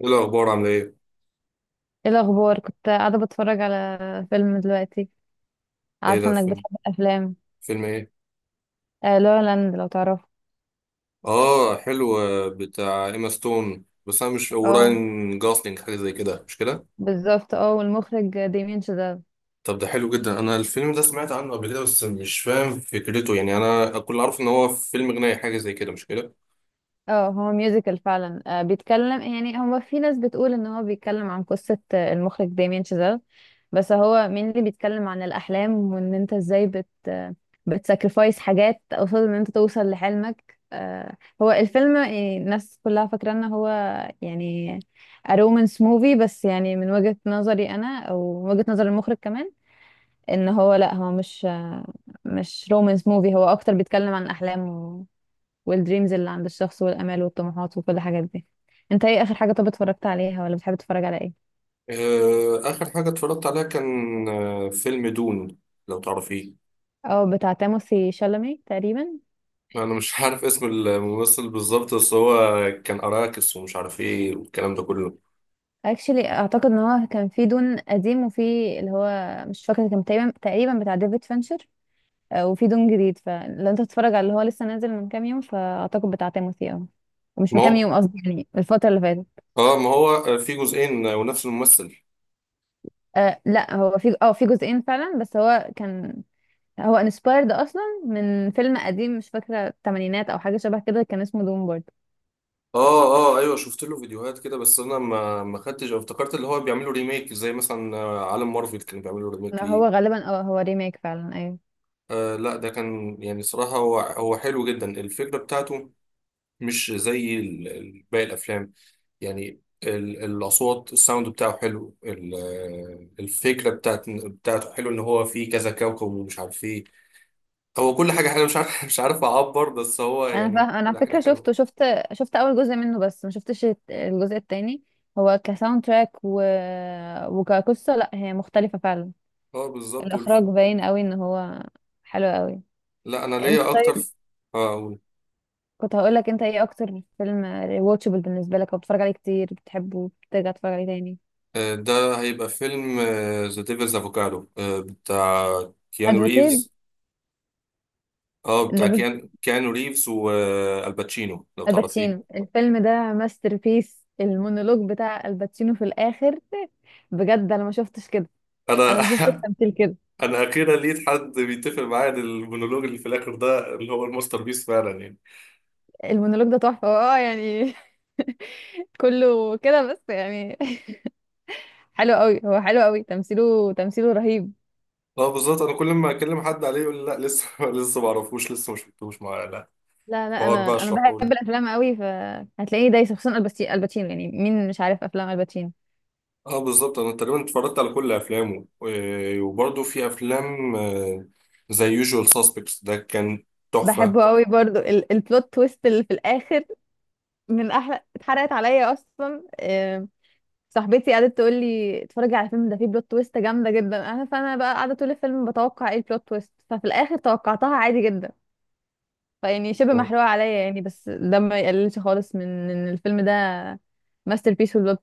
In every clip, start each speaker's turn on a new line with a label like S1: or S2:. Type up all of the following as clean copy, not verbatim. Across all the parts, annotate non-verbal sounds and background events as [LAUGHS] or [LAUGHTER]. S1: ايه الاخبار عامله ايه؟
S2: ايه الاخبار؟ كنت قاعده بتفرج على فيلم دلوقتي.
S1: ايه
S2: عارفه
S1: ده
S2: انك
S1: فيلم؟
S2: بتحب الافلام.
S1: فيلم ايه؟
S2: آه، لا لاند لو تعرفه.
S1: اه حلو، بتاع ايما ستون، بس انا مش
S2: اه،
S1: وراين جوسلينج حاجه زي كده، مش كده؟
S2: بالظبط. اه، والمخرج ديمين.
S1: طب ده حلو جدا. انا الفيلم ده سمعت عنه قبل كده، بس مش فاهم فكرته يعني. انا كل عارف ان هو فيلم غنائي حاجه زي كده، مش كده؟
S2: اه، هو ميوزيكال فعلا. بيتكلم، يعني هو في ناس بتقول ان هو بيتكلم عن قصة. المخرج داميان شازيل. بس هو مين اللي بيتكلم عن الأحلام، وان انت ازاي بت آه، بتساكرفايس حاجات قصاد ان انت توصل لحلمك. هو الفيلم، يعني الناس كلها فاكرة ان هو يعني رومانس موفي. بس يعني من وجهة نظري انا او وجهة نظر المخرج كمان، ان هو لا، هو مش رومانس موفي. هو اكتر بيتكلم عن الاحلام، والدريمز اللي عند الشخص، والامال والطموحات وكل الحاجات دي. انت ايه اخر حاجه طب اتفرجت عليها؟ ولا بتحب تتفرج على ايه؟
S1: آه اخر حاجه اتفرجت عليها كان فيلم دون، لو تعرفيه.
S2: اه، بتاع تيموثي شالامي تقريبا.
S1: انا مش [LAUGHS] عارف اسم الممثل بالظبط، بس هو كان اراكس ومش عارف ايه والكلام ده كله.
S2: اكشلي اعتقد ان هو كان في دون قديم وفي، اللي هو مش فاكره، كان تقريبا بتاع ديفيد فينشر. وفي دون جديد، فلو انت تتفرج على اللي هو لسه نازل من كام يوم، فاعتقد بتاع تيموثي. اه. ومش
S1: ما
S2: من كام
S1: هو
S2: يوم قصدي، يعني الفتره اللي فاتت.
S1: اه، ما هو، في جزئين، ونفس الممثل.
S2: لا، هو في جزئين فعلا. بس هو كان هو انسبايرد اصلا من فيلم قديم، مش فاكره، الثمانينات او حاجه شبه كده، كان اسمه دوم برضه.
S1: اه اه ايوه، شفت له فيديوهات كده، بس انا ما خدتش أو افتكرت اللي هو بيعملوا ريميك، زي مثلا عالم مارفل كانوا بيعملوا ريميك
S2: لا، هو
S1: ليه.
S2: غالبا هو ريميك فعلا. ايوه.
S1: آه لا، ده كان يعني صراحة هو حلو جدا الفكرة بتاعته. مش زي باقي الافلام، يعني الاصوات، الساوند بتاعه حلو، الفكرة بتاعته حلو، ان هو فيه كذا كوكب ومش عارف ايه. هو كل حاجة حلوة، مش عارف، [LAUGHS] مش عارف اعبر، بس هو
S2: انا
S1: يعني
S2: فاهم. انا على
S1: كل حاجة
S2: فكره
S1: حلوة.
S2: شفت اول جزء منه، بس ما شفتش الجزء التاني. هو كساوند تراك، و... وكقصه، لا، هي مختلفه فعلا.
S1: اه بالظبط، والف...
S2: الاخراج باين قوي ان هو حلو قوي.
S1: لا انا
S2: انت
S1: ليا اكتر
S2: طيب؟
S1: في... اه قول.
S2: كنت هقول لك، انت ايه اكتر فيلم واتشبل بالنسبه لك او بتتفرج عليه كتير، بتحبه بترجع تتفرج عليه تاني؟
S1: ده هيبقى فيلم ذا ديفلز افوكادو، بتاع كيانو
S2: ادفوكيت.
S1: ريفز. اه بتاع
S2: ده
S1: كيانو ريفز والباتشينو، لو
S2: الباتشينو.
S1: تعرفيه.
S2: الفيلم ده ماستر بيس. المونولوج بتاع الباتشينو في الاخر، بجد انا ما شفتش كده، انا
S1: انا
S2: ما شفتش
S1: [LAUGHS]
S2: تمثيل كده.
S1: انا اخيرا لقيت حد بيتفق معايا إن المونولوج اللي في الاخر ده اللي هو الماستر بيس فعلا يعني.
S2: المونولوج ده تحفه، اه يعني. [LAUGHS] كله كده بس يعني. [LAUGHS] حلو قوي، هو حلو قوي. تمثيله، تمثيله رهيب.
S1: اه بالظبط، انا كل ما اكلم حد عليه يقول لي لا لسه، [LAUGHS] لسه ما اعرفوش، لسه ما شفتوش. معايا لا،
S2: لا، لا،
S1: بقعد بقى
S2: انا
S1: اشرحه له.
S2: بحب الافلام قوي، فهتلاقيني دايسه، خصوصا الباتشينو، يعني مين مش عارف افلام الباتشينو؟
S1: اه بالظبط، انا تقريبا اتفرجت على كل افلامه، وبرضه في افلام، زي يوجوال ساسبكتس، ده كان تحفه.
S2: بحبه قوي برضو البلوت تويست اللي في الاخر، من احلى، اتحرقت عليا اصلا. صاحبتي قعدت تقول لي اتفرجي على الفيلم ده، فيه بلوت تويست جامده جدا. انا، فانا بقى قاعده طول الفيلم بتوقع ايه البلوت تويست، ففي الاخر توقعتها عادي جدا. فيعني شبه محروقه عليا يعني، بس ده ما يقللش خالص من ان الفيلم ده ماستر بيس، والبلوت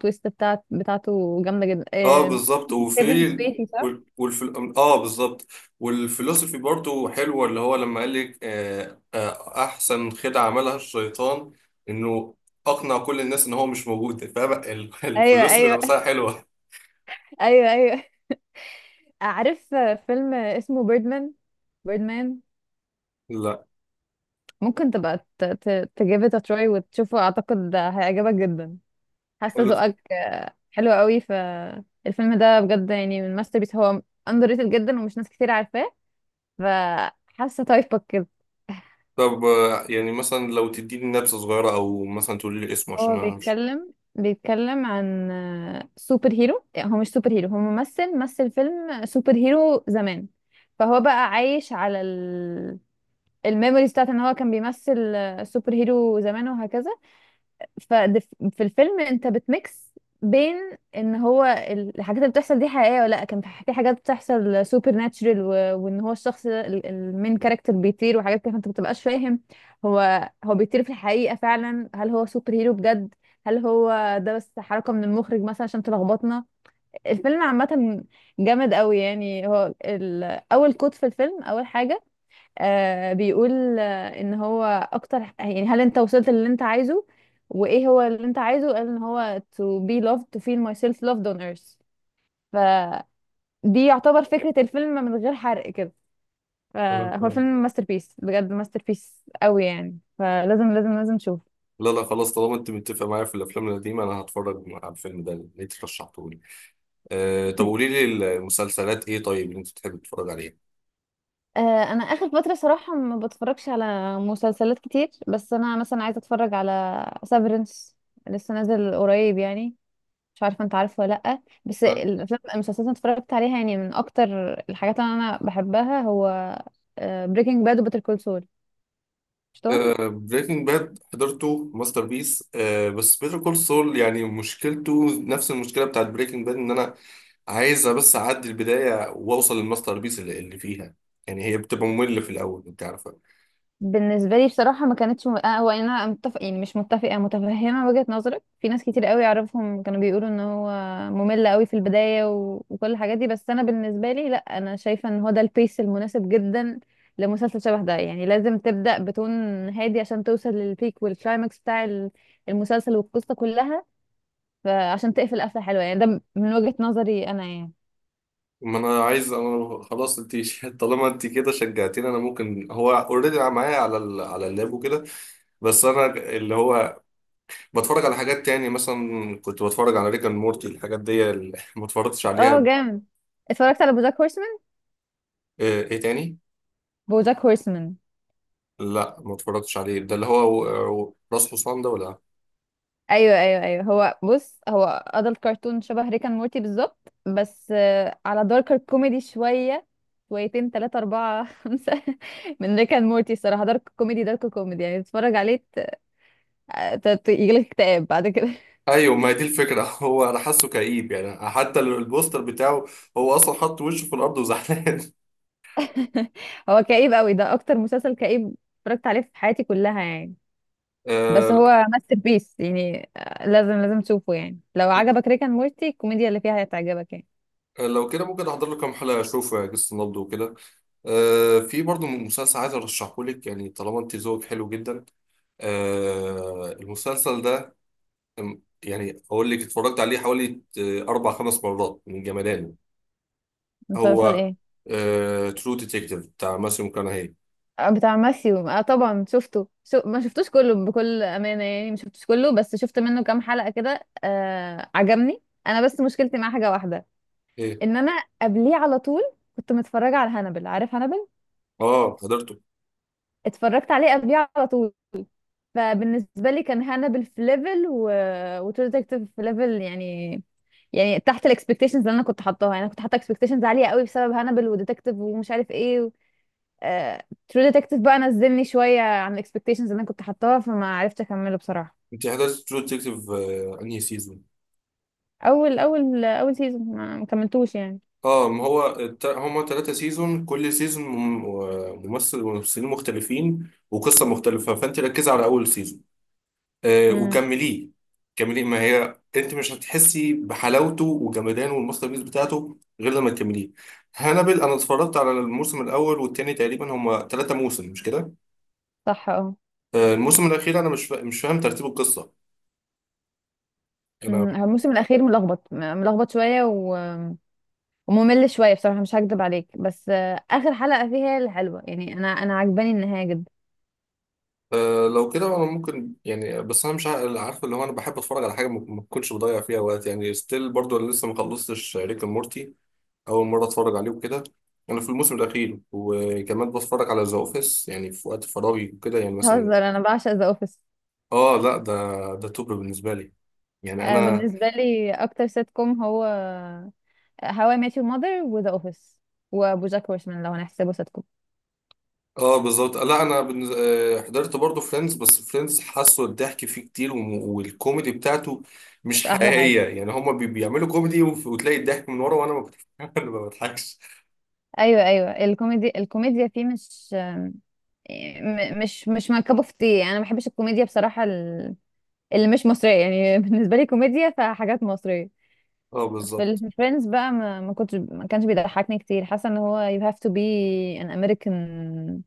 S2: تويست بتاعته جامده جدا.
S1: اه بالظبط، وفي
S2: كيفن سبيسي صح؟
S1: والف... اه بالظبط، والفلسفي برضو حلوه، اللي هو لما قال لك احسن خدعه عملها الشيطان انه اقنع كل الناس ان هو مش موجود، فبقى [LAUGHS]
S2: ايوه،
S1: الفلسفي
S2: ايوه.
S1: لمسها حلوه.
S2: [LAUGHS] ايوه، ايوه. عارف فيلم اسمه بيردمان. بيردمان؟
S1: لا
S2: ممكن تبقى تجيب it a try وتشوفه، اعتقد هيعجبك جدا. حاسه
S1: حلو.
S2: ذوقك حلو قوي. الفيلم ده بجد يعني من ماستر بيس، هو اندر ريتد جدا، ومش ناس كتير عارفاه، فحاسه تايبك كده.
S1: طب، يعني مثلا لو تديني نبذه صغيره، او مثلا تقولي لي اسمه، عشان
S2: هو
S1: انا مش
S2: بيتكلم عن سوبر هيرو. يعني هو مش سوبر هيرو، هو ممثل مثل فيلم سوبر هيرو زمان. فهو بقى عايش على الميموريز، بتاعت ان هو كان بيمثل سوبر هيرو زمان، وهكذا. ففي الفيلم انت بتميكس بين ان هو الحاجات اللي بتحصل دي حقيقيه ولا لا، كان في في حاجات بتحصل سوبر ناتشرال. وان هو الشخص ده، المين كاركتر، بيطير وحاجات كده، فانت بتبقاش فاهم. هو بيطير في الحقيقه فعلا؟ هل هو سوبر هيرو بجد؟ هل هو ده بس حركه من المخرج مثلا عشان تلخبطنا؟ الفيلم عامه جامد قوي يعني. هو اول كوت في الفيلم، اول حاجه، بيقول ان هو اكتر، يعني هل انت وصلت للي انت عايزه؟ وايه هو اللي انت عايزه؟ قال ان هو to be loved, to feel myself loved on earth. فدي يعتبر فكرة الفيلم من غير حرق كده.
S1: خلاص.
S2: فهو
S1: تمام.
S2: فيلم ماستر بيس بجد، ماستر بيس قوي يعني، فلازم لازم لازم نشوف.
S1: لا لا خلاص، طالما انت متفق معايا في الافلام القديمه انا هتفرج على الفيلم ده اللي انت رشحته لي. آه طب قولي لي المسلسلات ايه طيب اللي انت بتحب تتفرج عليها؟
S2: آه انا اخر فترة صراحة ما بتفرجش على مسلسلات كتير، بس انا مثلا عايزة اتفرج على سافرنس. لسه نازل قريب يعني. مش عارفه انت عارفه ولا لا. بس المسلسلات اللي اتفرجت عليها يعني، من اكتر الحاجات اللي انا بحبها هو بريكنج باد وبيتر كول سول. شفتهم؟
S1: بريكنج باد حضرته ماستر بيس، بس بيتر كول سول يعني مشكلته نفس المشكله بتاعت بريكنج باد، ان انا عايزه بس اعدي البدايه واوصل للماستر بيس اللي فيها يعني. هي بتبقى ممله في الاول، انت عارفه.
S2: بالنسبه لي بصراحه، ما كانتش م... آه، هو انا متفق يعني، مش متفقه، متفهمه وجهه نظرك. في ناس كتير قوي اعرفهم كانوا بيقولوا ان هو ممل قوي في البدايه، و... وكل الحاجات دي، بس انا بالنسبه لي لا، انا شايفه ان هو ده البيس المناسب جدا لمسلسل شبه ده. يعني لازم تبدا بتون هادي عشان توصل للبيك والكلايماكس بتاع المسلسل والقصه كلها، فعشان تقفل قفله حلوه يعني. ده من وجهه نظري انا يعني.
S1: ما انا عايز، انا خلاص انت [LAUGHS] طالما انت كده شجعتيني انا ممكن هو اوريدي معايا على ال... على اللاب وكده. بس انا اللي هو بتفرج على حاجات تاني، مثلا كنت بتفرج على ريكان مورتي، الحاجات دي اللي [LAUGHS] ما اتفرجتش
S2: اه
S1: عليها.
S2: جامد. اتفرجت على بوجاك هورسمان.
S1: ايه تاني؟
S2: بوجاك هورسمان؟
S1: لا ما اتفرجتش عليه، ده اللي هو راس حصان ده ولا؟
S2: ايوه، ايوه، ايوه. هو بص، هو ادلت كرتون شبه ريكان مورتي بالظبط، بس على داركر كوميدي شويه، شويتين تلاتة أربعة [LAUGHS] خمسة من ريكان مورتي الصراحة. دارك كوميدي، دارك كوميدي يعني، تتفرج عليه يجيلك اكتئاب بعد كده.
S1: ايوه، ما هي دي الفكره. [LAUGHS] هو انا حاسه كئيب، يعني حتى البوستر بتاعه هو اصلا حط وشه في الارض وزعلان.
S2: [LAUGHS] هو كئيب قوي. ده أكتر مسلسل كئيب اتفرجت عليه في حياتي كلها يعني.
S1: [LAUGHS]
S2: بس
S1: آه،
S2: هو ماستر بيس يعني. لازم لازم تشوفه. يعني لو عجبك ريكان مورتي، الكوميديا اللي فيها هتعجبك يعني.
S1: لو كده ممكن احضر له كام حلقه اشوفه، يا جس نبضه وكده. في برضه مسلسل عايز ارشحه لك، يعني طالما انت ذوقك حلو جدا. المسلسل ده يعني اقول لك اتفرجت عليه حوالي اربع خمس مرات من جمدانه. آه.
S2: مسلسل
S1: هو
S2: ايه؟
S1: ترو ديتكتيف، بتاع ماسيو مكانهي.
S2: بتاع ماثيو. اه طبعا شفته، شو ما شفتوش كله بكل امانه يعني، ما شفتوش كله بس شفت منه كام حلقه كده. عجبني انا، بس مشكلتي مع حاجه واحده.
S1: ايه؟
S2: ان انا قبليه على طول كنت متفرجه على هانبل. عارف هانبل؟
S1: اه حضرته.
S2: اتفرجت عليه قبليه على طول. فبالنسبة لي كان هانبل في ليفل و... وترو ديتكتيف في ليفل يعني، يعني تحت الاكسبكتيشنز اللي انا كنت حطاها يعني. انا كنت حاطه اكسبكتيشنز عاليه قوي بسبب هانبل وديتكتيف ومش عارف ايه ترو ديتكتيف بقى نزلني شويه عن الاكسبكتيشنز اللي انا كنت حطاها، فما عرفتش اكمله بصراحه.
S1: انت حضرت ترو ديتكتيف انهي سيزون؟
S2: اول سيزون ما كملتوش يعني.
S1: اه، ما هو هما ثلاثة سيزون، كل سيزون ممثل وممثلين مختلفين وقصة مختلفة، فانت ركز على اول سيزون،
S2: امم.
S1: وكمليه. كمليه، ما هي انت مش هتحسي بحلاوته وجمدانه والماستر بيس بتاعته غير لما تكمليه. هانبل انا اتفرجت على الموسم الاول والتاني، تقريبا هما ثلاثة موسم، مش كده؟
S2: صح اه.
S1: الموسم الاخير انا مش فا... مش فاهم ترتيب القصه انا.
S2: هو الموسم الاخير ملخبط، ملخبط شويه و... وممل شويه بصراحه، مش هكدب عليك. بس اخر حلقه فيها هي الحلوه يعني، انا عجباني النهايه جدا.
S1: لو كده انا ممكن يعني، بس انا مش عارف، اللي هو انا بحب اتفرج على حاجه ما بكونش بضيع فيها وقت يعني. ستيل برضو انا لسه ما خلصتش ريك اند مورتي، اول مره اتفرج عليه وكده. انا في الموسم الاخير، وكمان بتفرج على ذا اوفيس يعني في وقت فراغي وكده يعني، مثلا.
S2: بتهزر؟ انا بعشق ذا اوفيس.
S1: اه لا ده ده توب بالنسبه لي، يعني انا.
S2: بالنسبه لي اكتر سيت كوم هو هاو اي ميت يور ماذر وذا اوفيس وبوجاك هورسمان، لو هنحسبه سيت كوم.
S1: اه بالظبط، لا انا بالنز... حضرت برضو فريندز، بس فريندز حاسه الضحك فيه كتير، وم... والكوميدي بتاعته مش
S2: احلى
S1: حقيقيه
S2: حاجه.
S1: يعني، هما بي... بيعملوا كوميدي وف... وتلاقي الضحك من ورا، وانا ما بت- [LAUGHS] أنا ما بضحكش.
S2: ايوه، ايوه، الكوميديا فيه مش مش ماي كاب اوف تي. انا ما بحبش الكوميديا بصراحه، اللي مش مصريه يعني. [LAUGHS] بالنسبه لي كوميديا فحاجات مصريه.
S1: اه بالظبط
S2: في فريندز بقى ما كانش بيضحكني كتير، حاسه ان هو you have to be an American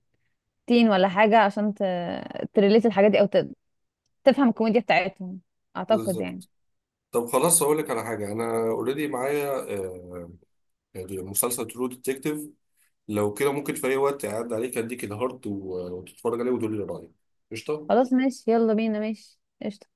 S2: teen ولا حاجه عشان تريليت الحاجات دي او تفهم الكوميديا بتاعتهم، اعتقد يعني.
S1: بالظبط. طب خلاص اقول لك على حاجه انا اوريدي معايا، آه، مسلسل ترو ديتكتيف. لو كده ممكن في اي وقت اعد عليك اديك الهارد و... وتتفرج عليه وتقول لي رايك. قشطه
S2: خلاص ماشي، يلا بينا ماشي. قشطة.